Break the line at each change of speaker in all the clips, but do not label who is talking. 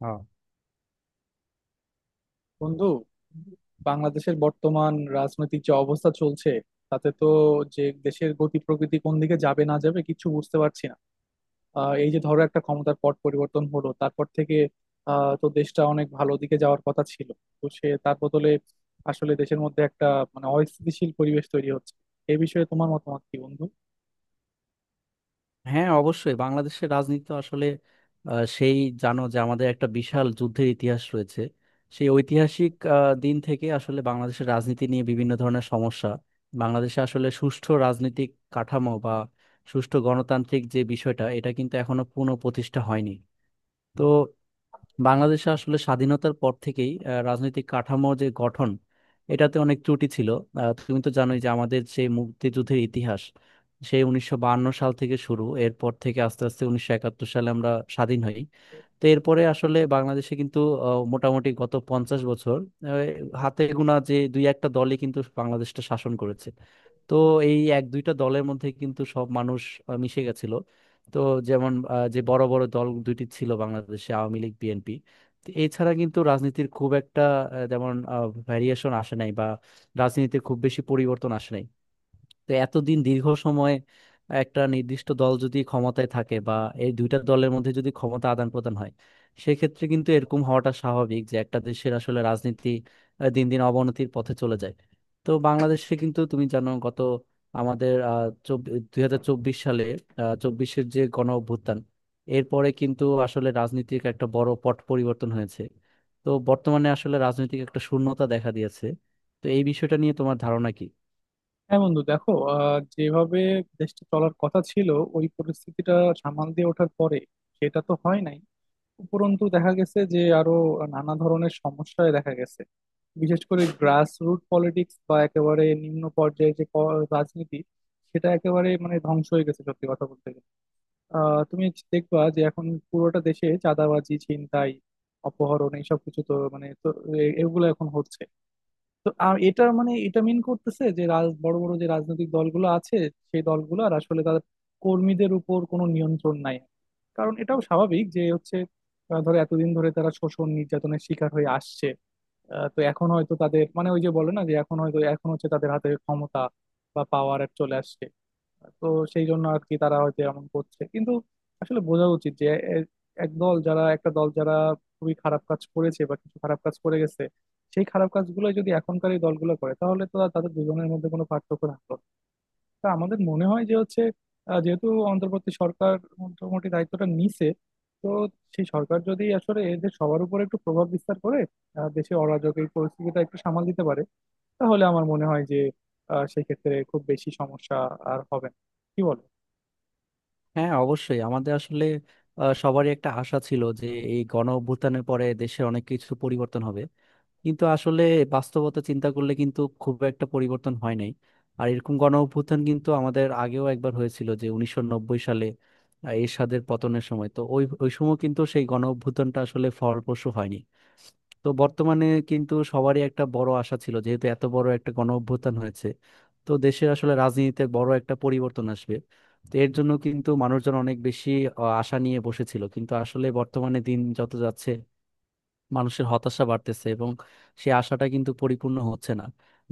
আহ,
বন্ধু, বাংলাদেশের বর্তমান রাজনৈতিক যে অবস্থা চলছে তাতে তো যে দেশের গতি প্রকৃতি কোন দিকে যাবে না যাবে কিছু বুঝতে পারছি না। এই যে ধরো একটা ক্ষমতার পট পরিবর্তন হলো তারপর থেকে তো দেশটা অনেক ভালো দিকে যাওয়ার কথা ছিল, তো সে তার বদলে আসলে দেশের মধ্যে একটা মানে অস্থিতিশীল পরিবেশ তৈরি হচ্ছে। এই বিষয়ে তোমার মতামত কি বন্ধু?
হ্যাঁ, অবশ্যই। বাংলাদেশের রাজনীতি তো আসলে আহ, সেই, জানো যে আমাদের একটা বিশাল যুদ্ধের ইতিহাস রয়েছে। সেই ঐতিহাসিক দিন থেকে আসলে বাংলাদেশের রাজনীতি নিয়ে বিভিন্ন ধরনের সমস্যা। বাংলাদেশে আসলে সুষ্ঠু রাজনৈতিক কাঠামো বা সুষ্ঠু গণতান্ত্রিক যে বিষয়টা, এটা কিন্তু এখনো পুনঃ প্রতিষ্ঠা হয়নি। তো বাংলাদেশে আসলে স্বাধীনতার পর থেকেই রাজনৈতিক কাঠামো যে গঠন, এটাতে অনেক ত্রুটি ছিল। তুমি তো জানোই যে আমাদের যে মুক্তিযুদ্ধের ইতিহাস, সেই 1952 সাল থেকে শুরু। এরপর থেকে আস্তে আস্তে 1971 সালে আমরা স্বাধীন হই। তো এরপরে আসলে বাংলাদেশে কিন্তু মোটামুটি গত 50 বছর আহ, হাতে গোনা যে দুই একটা দলই কিন্তু বাংলাদেশটা শাসন করেছে। তো এই এক দুইটা দলের মধ্যে কিন্তু সব মানুষ মিশে গেছিল। তো যেমন, যে বড় বড় দল দুইটি ছিল বাংলাদেশে, আওয়ামী লীগ, বিএনপি। এছাড়া কিন্তু রাজনীতির খুব একটা যেমন ভ্যারিয়েশন আসে নাই, বা রাজনীতিতে খুব বেশি পরিবর্তন আসে নাই। তো এতদিন দীর্ঘ সময় একটা নির্দিষ্ট দল যদি ক্ষমতায় থাকে বা এই দুইটা দলের মধ্যে যদি ক্ষমতা আদান প্রদান হয়, সেক্ষেত্রে কিন্তু এরকম হওয়াটা স্বাভাবিক যে একটা দেশের আসলে রাজনীতি দিন দিন অবনতির পথে চলে যায়। তো বাংলাদেশে কিন্তু তুমি জানো, গত আমাদের 2024 সালে, চব্বিশের যে গণ অভ্যুত্থান, এরপরে কিন্তু আসলে রাজনীতির একটা বড় পট পরিবর্তন হয়েছে। তো বর্তমানে আসলে রাজনৈতিক একটা শূন্যতা দেখা দিয়েছে। তো এই বিষয়টা নিয়ে তোমার ধারণা কি?
হ্যাঁ বন্ধু, দেখো যেভাবে দেশটা চলার কথা ছিল, ওই পরিস্থিতিটা সামাল দিয়ে ওঠার পরে সেটা তো হয় নাই। উপরন্তু দেখা গেছে যে আরো নানা ধরনের সমস্যায় দেখা গেছে। বিশেষ করে গ্রাস রুট পলিটিক্স বা একেবারে নিম্ন পর্যায়ে যে রাজনীতি, সেটা একেবারে মানে ধ্বংস হয়ে গেছে সত্যি কথা বলতে গেলে। তুমি দেখবা যে এখন পুরোটা দেশে চাঁদাবাজি, ছিনতাই, অপহরণ এইসব কিছু তো মানে তো এগুলো এখন হচ্ছে। তো আর এটা মানে এটা মিন করতেছে যে রাজ বড় বড় যে রাজনৈতিক দলগুলো আছে, সেই দলগুলোর আসলে তাদের কর্মীদের উপর কোনো নিয়ন্ত্রণ নাই। কারণ এটাও স্বাভাবিক যে হচ্ছে, ধরো এতদিন ধরে তারা শোষণ নির্যাতনের শিকার হয়ে আসছে। তো এখন হয়তো তাদের মানে ওই যে বলে না যে এখন হয়তো এখন হচ্ছে তাদের হাতে ক্ষমতা বা পাওয়ার চলে আসছে। তো সেই জন্য আর কি তারা হয়তো এমন করছে, কিন্তু আসলে বোঝা উচিত যে এ- এক দল যারা একটা দল যারা খুবই খারাপ কাজ করেছে বা কিছু খারাপ কাজ করে গেছে, সেই খারাপ কাজগুলো যদি এখনকার এই দলগুলো করে তাহলে তো আর তাদের দুজনের মধ্যে কোনো পার্থক্য থাকলো না। তা আমাদের মনে হয় যে হচ্ছে যেহেতু অন্তর্বর্তী সরকার মোটামুটি দায়িত্বটা নিছে, তো সেই সরকার যদি আসলে এদের সবার উপর একটু প্রভাব বিস্তার করে, দেশে অরাজক এই পরিস্থিতিটা একটু সামাল দিতে পারে, তাহলে আমার মনে হয় যে সেক্ষেত্রে খুব বেশি সমস্যা আর হবে না। কি বল?
হ্যাঁ, অবশ্যই। আমাদের আসলে সবারই একটা আশা ছিল যে এই গণ অভ্যুত্থানের পরে দেশে অনেক কিছু পরিবর্তন হবে। কিন্তু আসলে বাস্তবতা চিন্তা করলে কিন্তু খুব একটা পরিবর্তন হয় নাই। আর এরকম গণ অভ্যুত্থান কিন্তু আমাদের আগেও একবার হয়েছিল, যে 1990 সালে এরশাদের পতনের সময়। তো ওই ওই সময় কিন্তু সেই গণ অভ্যুত্থানটা আসলে ফলপ্রসূ হয়নি। তো বর্তমানে কিন্তু সবারই একটা বড় আশা ছিল, যেহেতু এত বড় একটা গণ অভ্যুত্থান হয়েছে তো দেশের আসলে রাজনীতিতে বড় একটা পরিবর্তন আসবে। তো এর জন্য কিন্তু মানুষজন অনেক বেশি আশা নিয়ে বসেছিল। কিন্তু আসলে বর্তমানে দিন যত যাচ্ছে মানুষের হতাশা বাড়তেছে এবং সেই আশাটা কিন্তু পরিপূর্ণ হচ্ছে না।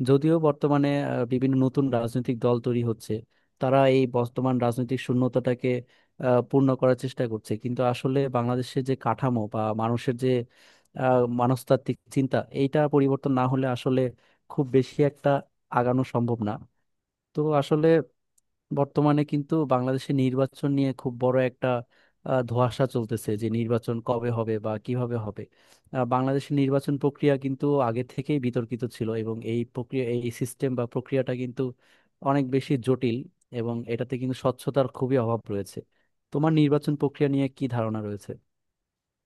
যদিও বর্তমানে বিভিন্ন নতুন রাজনৈতিক দল তৈরি হচ্ছে, তারা এই বর্তমান রাজনৈতিক শূন্যতাটাকে পূর্ণ করার চেষ্টা করছে। কিন্তু আসলে বাংলাদেশের যে কাঠামো বা মানুষের যে মনস্তাত্ত্বিক চিন্তা, এইটা পরিবর্তন না হলে আসলে খুব বেশি একটা আগানো সম্ভব না। তো আসলে বর্তমানে কিন্তু বাংলাদেশে নির্বাচন নিয়ে খুব বড় একটা ধোঁয়াশা চলতেছে যে নির্বাচন কবে হবে বা কিভাবে হবে। বাংলাদেশের নির্বাচন প্রক্রিয়া কিন্তু আগে থেকেই বিতর্কিত ছিল এবং এই প্রক্রিয়া, এই সিস্টেম বা প্রক্রিয়াটা কিন্তু অনেক বেশি জটিল। এবং এটাতে কিন্তু স্বচ্ছতার খুবই অভাব রয়েছে। তোমার নির্বাচন প্রক্রিয়া নিয়ে কি ধারণা রয়েছে?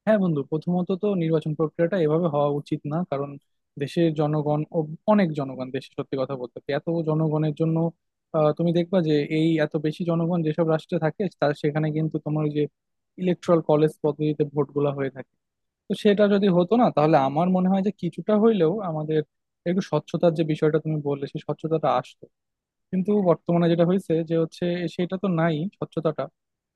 হ্যাঁ বন্ধু, প্রথমত তো নির্বাচন প্রক্রিয়াটা এভাবে হওয়া উচিত না, কারণ দেশের জনগণ অনেক জনগণ দেশে, সত্যি কথা বলতে কি, এত জনগণের জন্য তুমি দেখবা যে এই এত বেশি জনগণ যেসব রাষ্ট্রে থাকে তার সেখানে কিন্তু তোমার ওই যে ইলেকট্রাল কলেজ পদ্ধতিতে ভোটগুলা হয়ে থাকে। তো সেটা যদি হতো না তাহলে আমার মনে হয় যে কিছুটা হইলেও আমাদের একটু স্বচ্ছতার যে বিষয়টা তুমি বললে সেই স্বচ্ছতাটা আসতো। কিন্তু বর্তমানে যেটা হয়েছে যে হচ্ছে, সেটা তো নাই স্বচ্ছতাটা।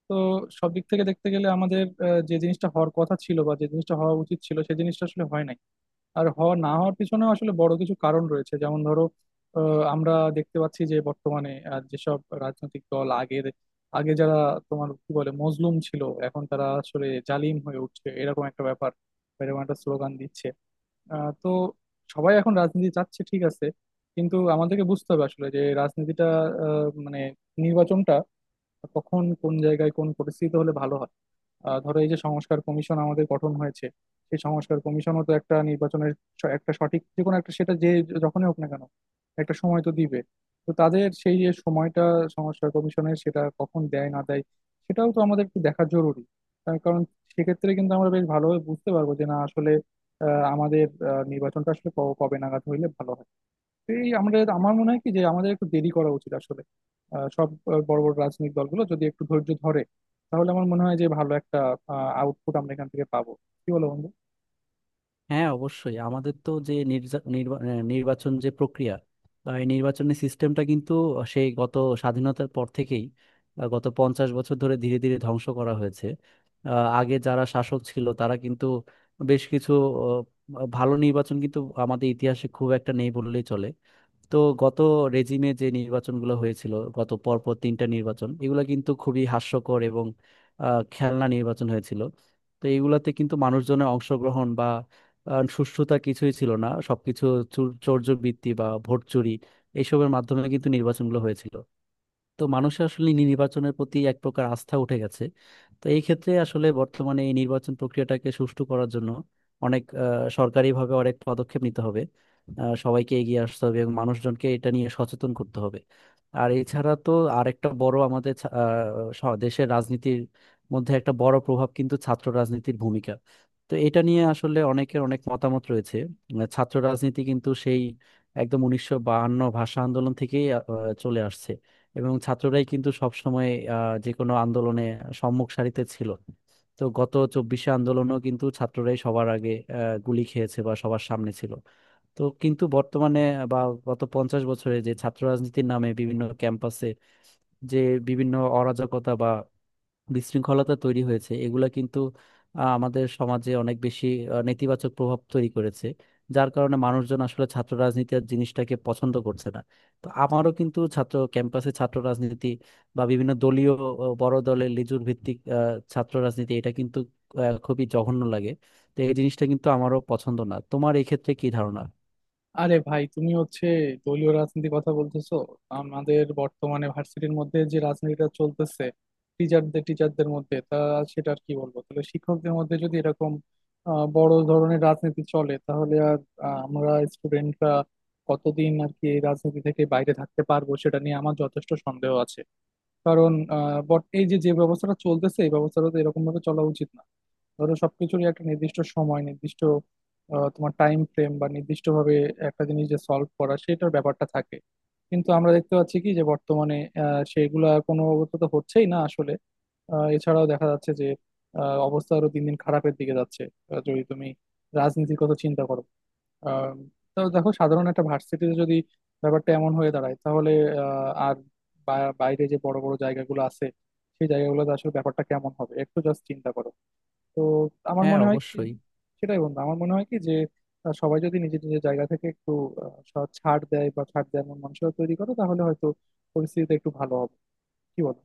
তো সব দিক থেকে দেখতে গেলে আমাদের যে জিনিসটা হওয়ার কথা ছিল বা যে জিনিসটা হওয়া উচিত ছিল সেই জিনিসটা আসলে হয় নাই। আর হওয়া না হওয়ার পিছনেও আসলে বড় কিছু কারণ রয়েছে, যেমন ধরো, আহ, আমরা দেখতে পাচ্ছি যে বর্তমানে যেসব রাজনৈতিক দল আগে যারা তোমার কি বলে মজলুম ছিল এখন তারা আসলে জালিম হয়ে উঠছে, এরকম একটা ব্যাপার, এরকম একটা স্লোগান দিচ্ছে। তো সবাই এখন রাজনীতি চাচ্ছে ঠিক আছে, কিন্তু আমাদেরকে বুঝতে হবে আসলে যে রাজনীতিটা আহ, মানে নির্বাচনটা কখন কোন জায়গায় কোন পরিস্থিতিতে হলে ভালো হয়। ধরো এই যে সংস্কার কমিশন আমাদের গঠন হয়েছে, সেই সংস্কার কমিশনও তো একটা নির্বাচনের একটা সঠিক যে কোনো একটা, সেটা যে যখনই হোক না কেন, একটা সময় তো দিবে। তো তাদের সেই যে সময়টা, সংস্কার কমিশনের সেটা কখন দেয় না দেয় সেটাও তো আমাদের একটু দেখা জরুরি। তার কারণ সেক্ষেত্রে কিন্তু আমরা বেশ ভালোভাবে বুঝতে পারবো যে না আসলে আমাদের নির্বাচনটা আসলে কবে নাগাদ হইলে ভালো হয়। এই আমাদের আমার মনে হয় কি যে আমাদের একটু দেরি করা উচিত আসলে। সব বড় বড় রাজনৈতিক দলগুলো যদি একটু ধৈর্য ধরে তাহলে আমার মনে হয় যে ভালো একটা আউটপুট আমরা এখান থেকে পাবো। কি বলো বন্ধু?
হ্যাঁ, অবশ্যই। আমাদের তো যে নির্বাচন যে প্রক্রিয়া বা এই নির্বাচনের সিস্টেমটা কিন্তু সেই গত স্বাধীনতার পর থেকেই গত 50 বছর ধরে ধীরে ধীরে ধ্বংস করা হয়েছে। আগে যারা শাসক ছিল তারা কিন্তু বেশ কিছু, ভালো নির্বাচন কিন্তু আমাদের ইতিহাসে খুব একটা নেই বললেই চলে। তো গত রেজিমে যে নির্বাচনগুলো হয়েছিল, গত পরপর তিনটা নির্বাচন, এগুলো কিন্তু খুবই হাস্যকর এবং খেলনা নির্বাচন হয়েছিল। তো এগুলাতে কিন্তু মানুষজনের অংশগ্রহণ বা সুষ্ঠুতা কিছুই ছিল না। সবকিছু চৌর্যবৃত্তি বা ভোট চুরি, এইসবের মাধ্যমে কিন্তু নির্বাচনগুলো হয়েছিল। তো মানুষের আসলে নির্বাচনের প্রতি এক প্রকার আস্থা উঠে গেছে। তো এই ক্ষেত্রে আসলে বর্তমানে এই নির্বাচন প্রক্রিয়াটাকে সুষ্ঠু করার জন্য অনেক, সরকারিভাবে অনেক পদক্ষেপ নিতে হবে। সবাইকে এগিয়ে আসতে হবে এবং মানুষজনকে এটা নিয়ে সচেতন করতে হবে। আর এছাড়া তো আরেকটা বড়, আমাদের দেশের রাজনীতির মধ্যে একটা বড় প্রভাব কিন্তু ছাত্র রাজনীতির ভূমিকা। তো এটা নিয়ে আসলে অনেকের অনেক মতামত রয়েছে। ছাত্র রাজনীতি কিন্তু সেই একদম 1952 ভাষা আন্দোলন থেকেই চলে আসছে। এবং ছাত্ররাই কিন্তু সবসময় যে কোনো আন্দোলনে সম্মুখ সারিতে ছিল। তো গত চব্বিশে আন্দোলনও কিন্তু ছাত্ররাই সবার আগে গুলি খেয়েছে বা সবার সামনে ছিল। তো কিন্তু বর্তমানে বা গত 50 বছরে যে ছাত্র রাজনীতির নামে বিভিন্ন ক্যাম্পাসে যে বিভিন্ন অরাজকতা বা বিশৃঙ্খলতা তৈরি হয়েছে, এগুলা কিন্তু আমাদের সমাজে অনেক বেশি নেতিবাচক প্রভাব তৈরি করেছে। যার কারণে মানুষজন আসলে ছাত্র রাজনীতির জিনিসটাকে পছন্দ করছে না। তো আমারও কিন্তু ছাত্র ক্যাম্পাসে ছাত্র রাজনীতি বা বিভিন্ন দলীয়, বড় দলের লিজুর ভিত্তিক ছাত্র রাজনীতি, এটা কিন্তু খুবই জঘন্য লাগে। তো এই জিনিসটা কিন্তু আমারও পছন্দ না। তোমার এই ক্ষেত্রে কি ধারণা?
আরে ভাই, তুমি হচ্ছে দলীয় রাজনীতির কথা বলতেছো। আমাদের বর্তমানে ভার্সিটির মধ্যে যে রাজনীতিটা চলতেছে, টিচারদের টিচারদের মধ্যে তা, সেটা আর কি বলবো। তাহলে শিক্ষকদের মধ্যে যদি এরকম বড় ধরনের রাজনীতি চলে তাহলে আর আমরা স্টুডেন্টরা কতদিন আর কি এই রাজনীতি থেকে বাইরে থাকতে পারবো সেটা নিয়ে আমার যথেষ্ট সন্দেহ আছে। কারণ আহ বট এই যে যে ব্যবস্থাটা চলতেছে এই ব্যবস্থাটা তো এরকম ভাবে চলা উচিত না। ধরো সবকিছুরই একটা নির্দিষ্ট সময়, নির্দিষ্ট তোমার টাইম ফ্রেম বা নির্দিষ্টভাবে একটা জিনিস যে সলভ করা সেটার ব্যাপারটা থাকে। কিন্তু আমরা দেখতে পাচ্ছি কি যে বর্তমানে সেগুলা কোনো অবস্থা তো হচ্ছেই না আসলে। এছাড়াও দেখা যাচ্ছে যে অবস্থা আরো দিন দিন খারাপের দিকে যাচ্ছে। যদি তুমি রাজনীতির কথা চিন্তা করো, আহ, তো দেখো সাধারণ একটা ভার্সিটিতে যদি ব্যাপারটা এমন হয়ে দাঁড়ায় তাহলে আর বাইরে যে বড় বড় জায়গাগুলো আছে সেই জায়গাগুলোতে আসলে ব্যাপারটা কেমন হবে একটু জাস্ট চিন্তা করো। তো আমার
হ্যাঁ,
মনে হয় কি,
অবশ্যই।
সেটাই বন্ধু, আমার মনে হয় কি যে সবাই যদি নিজের নিজের জায়গা থেকে একটু সৎ ছাড় দেয় এমন মানুষরা তৈরি করে তাহলে হয়তো পরিস্থিতিটা একটু ভালো হবে। কি বলো?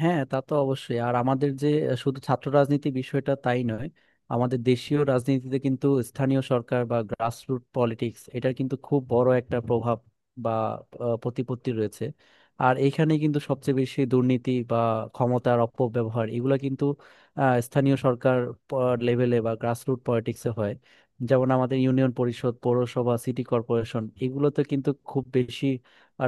হ্যাঁ, তা তো অবশ্যই। আর আমাদের যে শুধু ছাত্র রাজনীতি বিষয়টা তাই নয়। আমাদের দেশীয় রাজনীতিতে কিন্তু স্থানীয় সরকার বা গ্রাসরুট পলিটিক্স, এটার কিন্তু খুব বড় একটা প্রভাব বা প্রতিপত্তি রয়েছে। আর এইখানে কিন্তু সবচেয়ে বেশি দুর্নীতি বা ক্ষমতার অপব্যবহার, এগুলা কিন্তু স্থানীয় সরকার লেভেলে বা গ্রাসরুট পলিটিক্সে হয়। যেমন আমাদের ইউনিয়ন পরিষদ, পৌরসভা, সিটি কর্পোরেশন, এগুলোতে কিন্তু খুব বেশি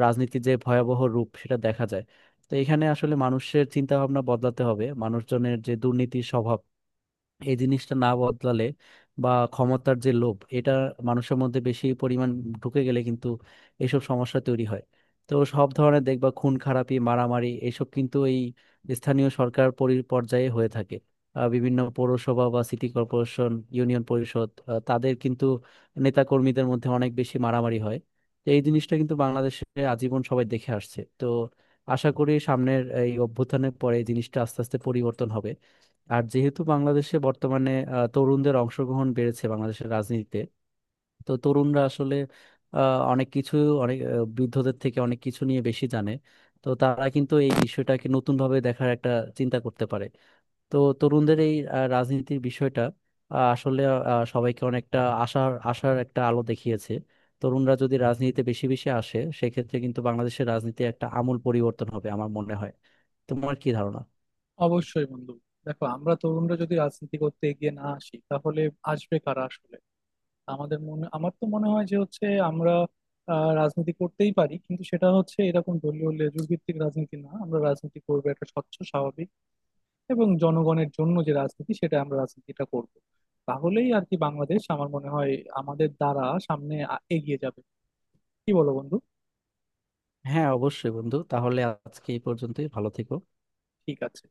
রাজনীতির যে ভয়াবহ রূপ সেটা দেখা যায়। তো এখানে আসলে মানুষের চিন্তা ভাবনা বদলাতে হবে। মানুষজনের যে দুর্নীতির স্বভাব, এই জিনিসটা না বদলালে বা ক্ষমতার যে লোভ এটা মানুষের মধ্যে বেশি পরিমাণ ঢুকে গেলে কিন্তু এইসব সমস্যা তৈরি হয়। তো সব ধরনের দেখবা খুন খারাপি, মারামারি, এসব কিন্তু এই স্থানীয় সরকার পর্যায়ে হয়ে থাকে। বিভিন্ন পৌরসভা বা সিটি কর্পোরেশন, ইউনিয়ন পরিষদ, তাদের কিন্তু নেতাকর্মীদের মধ্যে অনেক বেশি মারামারি হয়। তো এই জিনিসটা কিন্তু বাংলাদেশে আজীবন সবাই দেখে আসছে। তো আশা করি সামনের এই অভ্যুত্থানের পরে এই জিনিসটা আস্তে আস্তে পরিবর্তন হবে। আর যেহেতু বাংলাদেশে বর্তমানে তরুণদের অংশগ্রহণ বেড়েছে বাংলাদেশের রাজনীতিতে। তো তরুণরা আসলে অনেক কিছু অনেক আহ, বৃদ্ধদের থেকে অনেক কিছু নিয়ে বেশি জানে। তো তারা কিন্তু এই বিষয়টাকে নতুনভাবে দেখার একটা চিন্তা করতে পারে। তো তরুণদের এই রাজনীতির বিষয়টা, আসলে সবাইকে অনেকটা আশার আশার একটা আলো দেখিয়েছে। তরুণরা যদি রাজনীতিতে বেশি বেশি আসে, সেক্ষেত্রে কিন্তু বাংলাদেশের রাজনীতি একটা আমূল পরিবর্তন হবে আমার মনে হয়। তোমার কি ধারণা?
অবশ্যই বন্ধু, দেখো আমরা তরুণরা যদি রাজনীতি করতে এগিয়ে না আসি তাহলে আসবে কারা আসলে? আমাদের মনে আমার তো মনে হয় যে হচ্ছে আমরা রাজনীতি করতেই পারি, কিন্তু সেটা হচ্ছে এরকম দলীয় লেজুড় ভিত্তিক রাজনীতি না, আমরা রাজনীতি করবো একটা স্বচ্ছ, স্বাভাবিক এবং জনগণের জন্য যে রাজনীতি সেটা আমরা রাজনীতিটা করব। তাহলেই আর কি বাংলাদেশ আমার মনে হয় আমাদের দ্বারা সামনে এগিয়ে যাবে। কি বলো বন্ধু?
হ্যাঁ, অবশ্যই বন্ধু। তাহলে আজকে এই পর্যন্তই, ভালো থেকো।
ঠিক আছে।